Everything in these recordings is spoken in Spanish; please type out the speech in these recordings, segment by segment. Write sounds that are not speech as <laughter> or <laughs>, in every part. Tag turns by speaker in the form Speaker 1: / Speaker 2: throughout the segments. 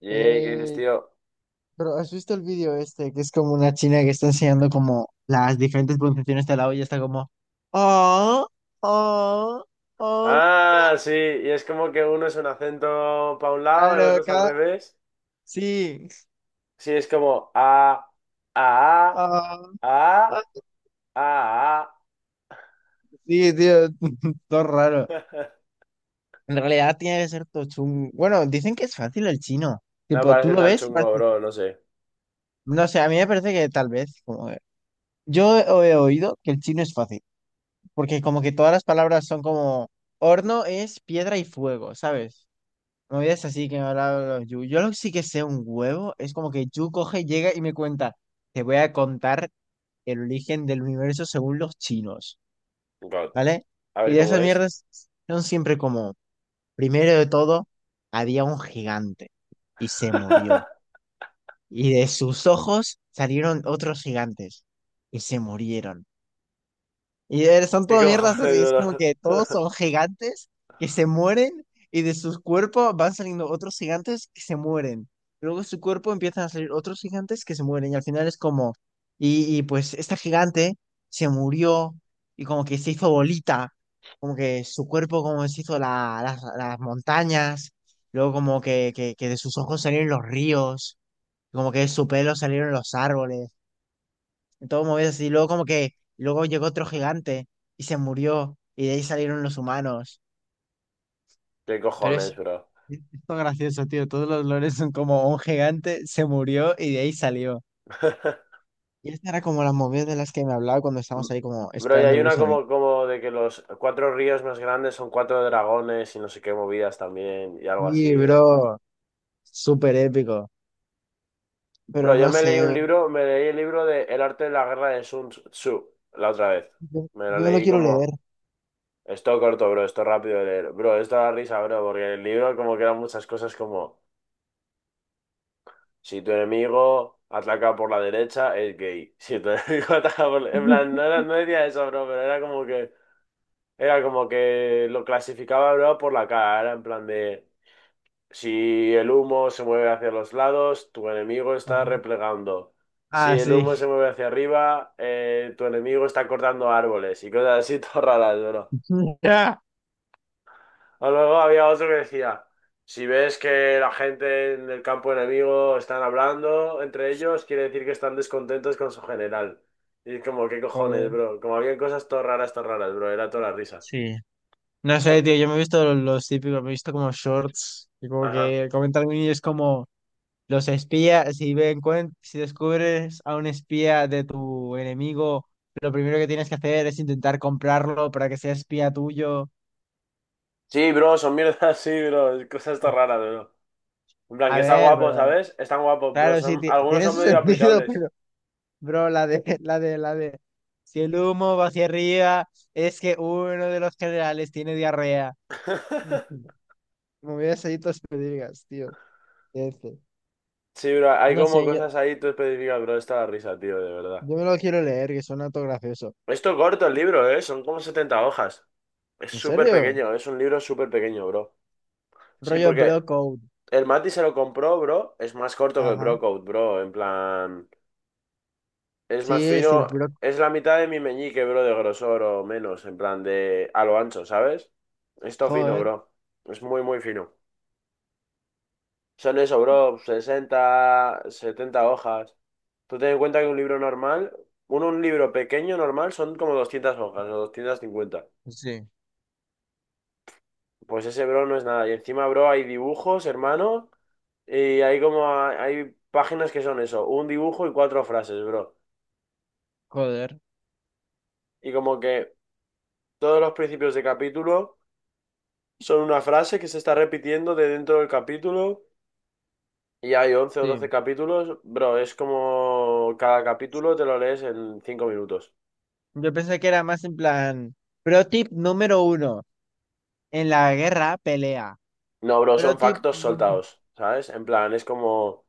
Speaker 1: Y ¿qué dices,
Speaker 2: Eh,
Speaker 1: tío?
Speaker 2: pero ¿has visto el vídeo este? Que es como una china que está enseñando como las diferentes pronunciaciones de la O y está como... Oh, oh, oh.
Speaker 1: Ah, sí, y es como que uno es un acento para un lado, el
Speaker 2: Claro,
Speaker 1: otro es al
Speaker 2: cada...
Speaker 1: revés.
Speaker 2: Sí.
Speaker 1: Sí, es como a,
Speaker 2: Ah,
Speaker 1: a,
Speaker 2: ah,
Speaker 1: a.
Speaker 2: sí, tío. <laughs> Todo raro.
Speaker 1: <laughs>
Speaker 2: En realidad tiene que ser todo chungo. Bueno, dicen que es fácil el chino.
Speaker 1: No me
Speaker 2: Tipo, tú
Speaker 1: parece
Speaker 2: lo
Speaker 1: tan
Speaker 2: ves y
Speaker 1: chungo,
Speaker 2: parece...
Speaker 1: bro, no sé.
Speaker 2: No sé, a mí me parece que tal vez... Como... Yo he oído que el chino es fácil, porque como que todas las palabras son como horno es piedra y fuego, ¿sabes? Movidas así que me hablaba Yu. Yo lo que sí que sé un huevo es como que Yu coge, llega y me cuenta, te voy a contar el origen del universo según los chinos,
Speaker 1: God.
Speaker 2: ¿vale?
Speaker 1: A
Speaker 2: Y
Speaker 1: ver
Speaker 2: de
Speaker 1: cómo
Speaker 2: esas
Speaker 1: es.
Speaker 2: mierdas son siempre como, primero de todo, había un gigante y se murió.
Speaker 1: <laughs>
Speaker 2: Y de sus ojos salieron otros gigantes y se murieron. Y son
Speaker 1: ¿Qué
Speaker 2: todo mierdas
Speaker 1: cojones,
Speaker 2: así, es como
Speaker 1: bro?
Speaker 2: que todos
Speaker 1: <laughs>
Speaker 2: son gigantes que se mueren y de sus cuerpos van saliendo otros gigantes que se mueren. Luego de su cuerpo empiezan a salir otros gigantes que se mueren y al final es como, y pues esta gigante se murió y como que se hizo bolita, como que su cuerpo como se hizo las montañas, luego como que de sus ojos salieron los ríos, como que de su pelo salieron los árboles, todo movido así. Luego como que, luego llegó otro gigante y se murió y de ahí salieron los humanos.
Speaker 1: ¿Qué
Speaker 2: Pero
Speaker 1: cojones,
Speaker 2: es
Speaker 1: bro?
Speaker 2: esto gracioso, tío. Todos los lores son como un gigante se murió y de ahí salió.
Speaker 1: <laughs>
Speaker 2: Y esta era como la movida de las que me hablaba cuando estábamos ahí como
Speaker 1: Bro, y
Speaker 2: esperando
Speaker 1: hay
Speaker 2: el
Speaker 1: una
Speaker 2: bus en el...
Speaker 1: como de que los cuatro ríos más grandes son cuatro dragones y no sé qué movidas también y algo
Speaker 2: Sí,
Speaker 1: así, bro.
Speaker 2: bro, súper épico.
Speaker 1: Bro,
Speaker 2: Pero
Speaker 1: yo
Speaker 2: no
Speaker 1: me
Speaker 2: sé,
Speaker 1: leí un libro, me leí el libro de El arte de la guerra de Sun Tzu la otra vez.
Speaker 2: yo,
Speaker 1: Me lo
Speaker 2: yo me lo
Speaker 1: leí
Speaker 2: quiero leer.
Speaker 1: como esto corto, bro, esto rápido de leer. Bro, esto da risa, bro, porque en el libro como que eran muchas cosas como, si tu enemigo ataca por la derecha, es gay. Si tu <laughs> enemigo ataca por en plan, no, no decía eso, bro, pero era como que era como que lo clasificaba, bro, por la cara. Era en plan de... Si el humo se mueve hacia los lados, tu enemigo está
Speaker 2: Ajá.
Speaker 1: replegando. Si
Speaker 2: Ah,
Speaker 1: el humo se
Speaker 2: sí.
Speaker 1: mueve hacia arriba, tu enemigo está cortando árboles y cosas así <laughs> todas raras, bro.
Speaker 2: <laughs>
Speaker 1: O luego había otro que decía, si ves que la gente en el campo enemigo están hablando entre ellos, quiere decir que están descontentos con su general. Y es como, ¿qué cojones,
Speaker 2: Joder.
Speaker 1: bro? Como había cosas todas raras, bro. Era toda la risa.
Speaker 2: Sí. No sé,
Speaker 1: Por-
Speaker 2: tío, yo me he visto los típicos, me he visto como shorts, y como
Speaker 1: Ajá.
Speaker 2: que comentan y es como, los espías, si ven, si descubres a un espía de tu enemigo, lo primero que tienes que hacer es intentar comprarlo para que sea espía tuyo.
Speaker 1: Sí, bro, son mierdas, <laughs> sí, bro. Cosas todas raras, bro. En plan,
Speaker 2: A
Speaker 1: que está
Speaker 2: ver,
Speaker 1: guapo,
Speaker 2: pero
Speaker 1: ¿sabes? Están guapos, bro.
Speaker 2: claro, sí,
Speaker 1: Son, algunos
Speaker 2: tiene
Speaker 1: son
Speaker 2: su <laughs>
Speaker 1: medio
Speaker 2: sentido,
Speaker 1: aplicables.
Speaker 2: pero, bro, la de, si el humo va hacia arriba, es que uno de los generales tiene diarrea.
Speaker 1: <laughs>
Speaker 2: <laughs> Me hubieras ahí tus pedigas, tío. Este.
Speaker 1: Sí, bro, hay
Speaker 2: No
Speaker 1: como
Speaker 2: sé, yo,
Speaker 1: cosas ahí tú específicas, bro. Esta da risa, tío, de verdad.
Speaker 2: yo me lo quiero leer, que suena todo gracioso.
Speaker 1: Esto corto el libro, ¿eh? Son como 70 hojas. Es
Speaker 2: ¿En
Speaker 1: súper
Speaker 2: serio?
Speaker 1: pequeño, es un libro súper pequeño, bro. Sí,
Speaker 2: Rollo bro
Speaker 1: porque
Speaker 2: code.
Speaker 1: el Mati se lo compró, bro. Es más corto que el
Speaker 2: Ajá.
Speaker 1: Brocode, bro. En plan, es
Speaker 2: Sí,
Speaker 1: más
Speaker 2: es el
Speaker 1: fino.
Speaker 2: Brock.
Speaker 1: Es la mitad de mi meñique, bro, de grosor o menos. En plan, de a lo ancho, ¿sabes? Esto fino,
Speaker 2: Joder,
Speaker 1: bro. Es muy, muy fino. Son sea, le sobró 60, 70 hojas. Tú ten en cuenta que un libro normal, un libro pequeño normal, son como 200 hojas o 250.
Speaker 2: sí.
Speaker 1: Pues ese, bro, no es nada. Y encima, bro, hay dibujos, hermano, y hay como, hay páginas que son eso, un dibujo y cuatro frases, bro.
Speaker 2: joder.
Speaker 1: Y como que todos los principios de capítulo son una frase que se está repitiendo de dentro del capítulo. Y hay 11 o 12
Speaker 2: Sí.
Speaker 1: capítulos, bro, es como cada capítulo te lo lees en 5 minutos.
Speaker 2: Yo pensé que era más en plan. Pro tip número uno. En la guerra, pelea.
Speaker 1: No, bro,
Speaker 2: Pro
Speaker 1: son
Speaker 2: tip
Speaker 1: factos soltados, ¿sabes? En plan, es como,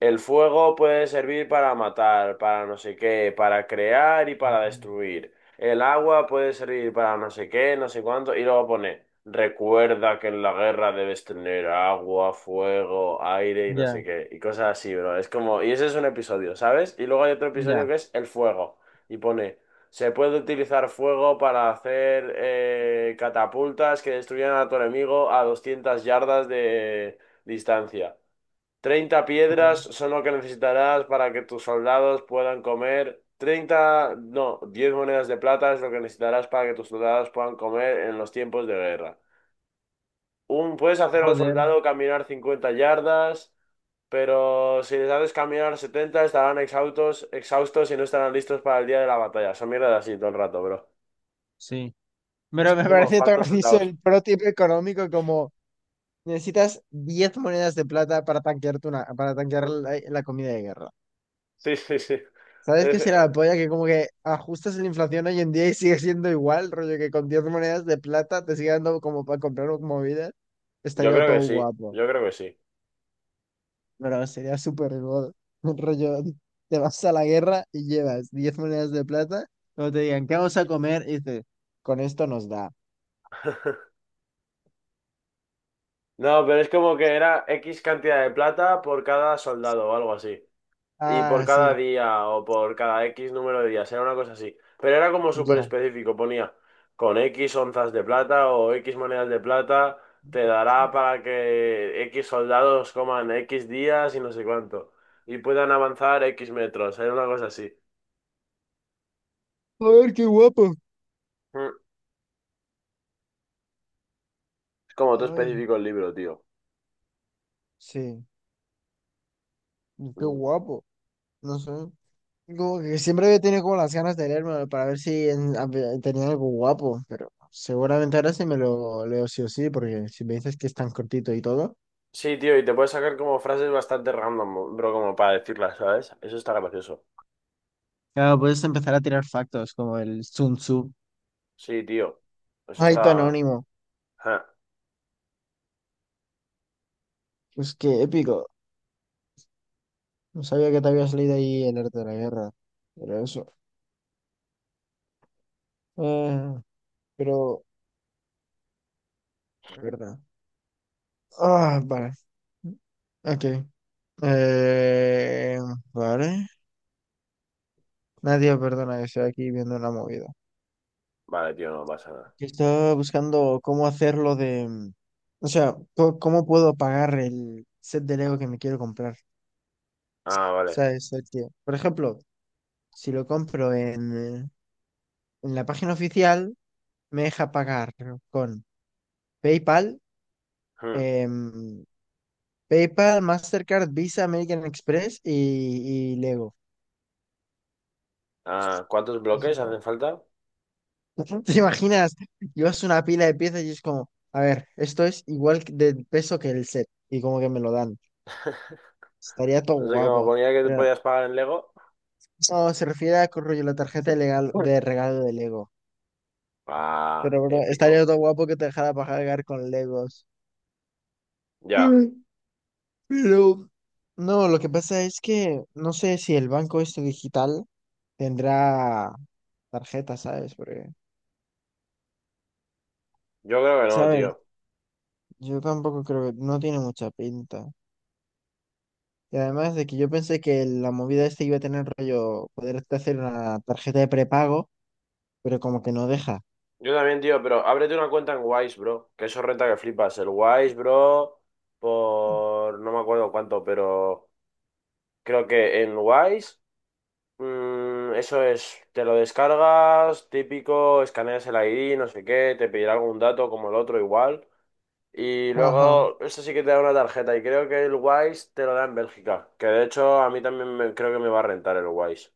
Speaker 1: el fuego puede servir para matar, para no sé qué, para crear y para
Speaker 2: ujú.
Speaker 1: destruir. El agua puede servir para no sé qué, no sé cuánto. Y luego pone, recuerda que en la guerra debes tener agua, fuego, aire y no sé
Speaker 2: Ya,
Speaker 1: qué. Y cosas así, bro. Es como, y ese es un episodio, ¿sabes? Y luego hay otro episodio
Speaker 2: ya.
Speaker 1: que es el fuego. Y pone, se puede utilizar fuego para hacer catapultas que destruyan a tu enemigo a 200 yardas de distancia. 30 piedras
Speaker 2: jo-
Speaker 1: son lo que necesitarás para que tus soldados puedan comer. 30, no, 10 monedas de plata es lo que necesitarás para que tus soldados puedan comer en los tiempos de guerra. Un, puedes hacer a un
Speaker 2: Joder,
Speaker 1: soldado caminar 50 yardas, pero si les haces caminar 70 estarán exhaustos, exhaustos y no estarán listos para el día de la batalla. Son mierdas así todo el rato, bro.
Speaker 2: sí.
Speaker 1: Y
Speaker 2: Pero me
Speaker 1: son
Speaker 2: <laughs>
Speaker 1: como
Speaker 2: parece tan
Speaker 1: factos
Speaker 2: gracioso
Speaker 1: soldados.
Speaker 2: el pro tip económico como, necesitas 10 monedas de plata para tanquearte una, para tanquear la
Speaker 1: <laughs>
Speaker 2: la comida de guerra.
Speaker 1: Sí, sí, sí.
Speaker 2: ¿Sabes qué
Speaker 1: Es-
Speaker 2: será la polla? Que como que ajustas la inflación hoy en día y sigue siendo igual, rollo que con 10 monedas de plata te sigue dando como para comprar movidas.
Speaker 1: yo
Speaker 2: Estaría
Speaker 1: creo
Speaker 2: todo
Speaker 1: que sí,
Speaker 2: guapo,
Speaker 1: yo creo que sí.
Speaker 2: pero sería súper god. <laughs> Un Rollo, te vas a la guerra y llevas 10 monedas de plata, luego te digan, ¿qué vamos a comer? Y dices, con esto nos da.
Speaker 1: <laughs> No, pero es como que era X cantidad de plata por cada soldado o algo así. Y por
Speaker 2: Ah,
Speaker 1: cada
Speaker 2: sí,
Speaker 1: día o por cada X número de días, era una cosa así. Pero era como súper
Speaker 2: ya.
Speaker 1: específico, ponía con X onzas de plata o X monedas de plata, te dará para que X soldados coman X días y no sé cuánto. Y puedan avanzar X metros, era una cosa así.
Speaker 2: A ver, qué guapo.
Speaker 1: Mm, Es como todo
Speaker 2: Ay,
Speaker 1: específico el libro, tío.
Speaker 2: sí, qué
Speaker 1: Mm,
Speaker 2: guapo. No sé. Como que siempre había tenido como las ganas de leérmelo para ver si a tenía algo guapo, pero seguramente ahora sí me lo leo sí o sí, porque si me dices que es tan cortito y todo.
Speaker 1: Sí, tío, y te puedes sacar como frases bastante random, bro, como para decirlas, ¿sabes? Eso está gracioso.
Speaker 2: Claro, puedes empezar a tirar factos como el Sun Tzu.
Speaker 1: Sí, tío. Eso
Speaker 2: Ay, tu
Speaker 1: está.
Speaker 2: anónimo.
Speaker 1: Ah,
Speaker 2: Pues qué épico. No sabía que te habías leído ahí el arte de la guerra. Pero eso. Eh, pero, es verdad. Ah, vale. Ok. Eh, vale. Nadie, perdona, que estoy aquí viendo una movida,
Speaker 1: vale, tío, no pasa nada.
Speaker 2: que estaba buscando cómo hacerlo de, o sea, cómo puedo pagar el set de Lego que me quiero comprar.
Speaker 1: Ah, vale.
Speaker 2: ¿Sabes? El que, por ejemplo, si lo compro eh, en la página oficial, me deja pagar con PayPal,
Speaker 1: Hmm.
Speaker 2: em, PayPal, Mastercard, Visa, American Express y Lego.
Speaker 1: Ah, ¿cuántos
Speaker 2: O
Speaker 1: bloques
Speaker 2: sea,
Speaker 1: hacen falta?
Speaker 2: <laughs> ¿te imaginas? Llevas una pila de piezas y es como, a ver, esto es igual de peso que el set y como que me lo dan.
Speaker 1: <laughs>
Speaker 2: Estaría todo
Speaker 1: No sé cómo
Speaker 2: guapo.
Speaker 1: ponía que te podías pagar en Lego.
Speaker 2: No, se refiere a que rollo la tarjeta de, legal,
Speaker 1: Hmm.
Speaker 2: de regalo de Lego.
Speaker 1: Ah,
Speaker 2: Pero, bro, estaría
Speaker 1: épico.
Speaker 2: todo guapo que te dejara pagar con Legos.
Speaker 1: Ya,
Speaker 2: Mm, Pero, no, lo que pasa es que no sé si el banco este digital tendrá tarjeta, ¿sabes? Porque,
Speaker 1: yo creo que no,
Speaker 2: ¿sabes?
Speaker 1: tío.
Speaker 2: Yo tampoco creo, que no tiene mucha pinta. Y además de que yo pensé que la movida este iba a tener rollo, poderte hacer una tarjeta de prepago, pero como que no deja.
Speaker 1: Yo también, tío, pero ábrete una cuenta en Wise, bro. Que eso renta que flipas. El Wise, bro, por... No me acuerdo cuánto, pero creo que en Wise. Eso es, te lo descargas, típico, escaneas el ID, no sé qué, te pedirá algún dato como el otro igual. Y
Speaker 2: Ajá,
Speaker 1: luego, eso sí que te da una tarjeta y creo que el Wise te lo da en Bélgica, que de hecho a mí también creo que me va a rentar el Wise.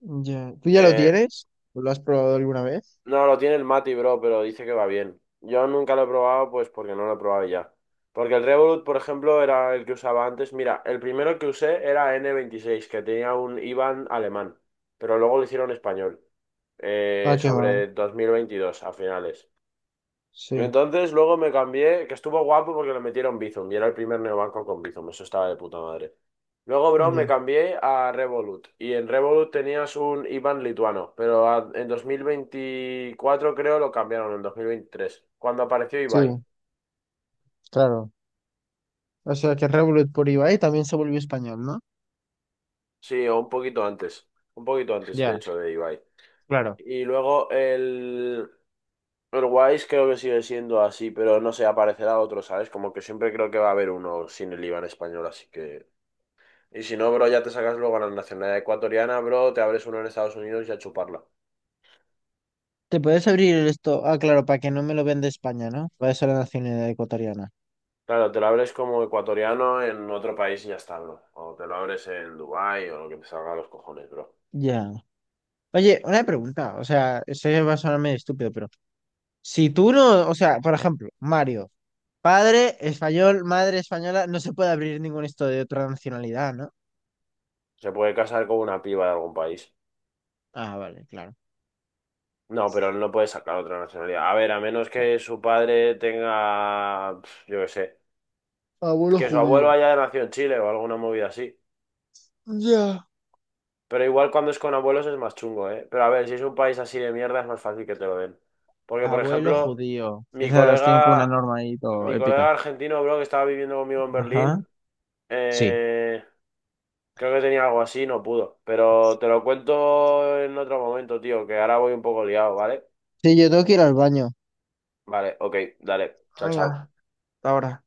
Speaker 2: ya. ¿Tú ya lo
Speaker 1: Eh,
Speaker 2: tienes? ¿Lo has probado alguna vez?
Speaker 1: no, lo tiene el Mati, bro, pero dice que va bien. Yo nunca lo he probado, pues porque no lo he probado ya. Porque el Revolut, por ejemplo, era el que usaba antes. Mira, el primero que usé era N26, que tenía un IBAN alemán, pero luego lo hicieron español.
Speaker 2: Ah, qué mal.
Speaker 1: Sobre 2022 a finales. Y
Speaker 2: Sí,
Speaker 1: entonces luego me cambié, que estuvo guapo porque le metieron Bizum y era el primer neobanco con Bizum, eso estaba de puta madre. Luego, bro, me
Speaker 2: ya.
Speaker 1: cambié a Revolut y en Revolut tenías un IBAN lituano, pero en 2024 creo lo cambiaron, en 2023, cuando apareció
Speaker 2: Sí,
Speaker 1: Ibai.
Speaker 2: claro. O sea que Revolut por Ibai también se volvió español, ¿no?
Speaker 1: Sí, o un poquito antes de
Speaker 2: Ya,
Speaker 1: hecho de Ibai.
Speaker 2: claro.
Speaker 1: Y luego el, Uruguay creo que sigue siendo así, pero no sé, aparecerá otro, ¿sabes? Como que siempre creo que va a haber uno sin el IVA en español, así que... Y si no, bro, ya te sacas luego la nacionalidad ecuatoriana, bro, te abres uno en Estados Unidos y a chuparla.
Speaker 2: ¿Te puedes abrir esto? Ah, claro, para que no me lo venda España, ¿no? Va a ser la nacionalidad ecuatoriana.
Speaker 1: Claro, te lo abres como ecuatoriano en otro país y ya está, bro. O te lo abres en Dubái o lo que te salga a los cojones, bro.
Speaker 2: Ya. Oye, una pregunta. O sea, esto ya va a sonar medio estúpido, pero si tú no, o sea, por ejemplo, Mario, padre español, madre española, no se puede abrir ningún esto de otra nacionalidad, ¿no?
Speaker 1: Se puede casar con una piba de algún país.
Speaker 2: Ah, vale, claro.
Speaker 1: No, pero no puede sacar otra nacionalidad. A ver, a menos que su padre tenga, pf, yo qué sé,
Speaker 2: Abuelo
Speaker 1: que su abuelo
Speaker 2: judío.
Speaker 1: haya nacido en Chile o alguna movida así.
Speaker 2: Ya.
Speaker 1: Pero igual cuando es con abuelos es más chungo, ¿eh? Pero a ver, si es un país así de mierda es más fácil que te lo den. Porque, por
Speaker 2: Abuelo
Speaker 1: ejemplo,
Speaker 2: judío.
Speaker 1: mi
Speaker 2: Esas tienen como una
Speaker 1: colega,
Speaker 2: norma ahí todo
Speaker 1: mi colega
Speaker 2: épica.
Speaker 1: argentino, bro, que estaba viviendo conmigo en
Speaker 2: Ajá.
Speaker 1: Berlín,
Speaker 2: Sí.
Speaker 1: eh, creo que tenía algo así, no pudo. Pero te lo cuento en otro momento, tío, que ahora voy un poco liado, ¿vale?
Speaker 2: Sí, yo tengo que ir al baño.
Speaker 1: Vale, ok, dale, chao, chao.
Speaker 2: Venga, hasta ahora.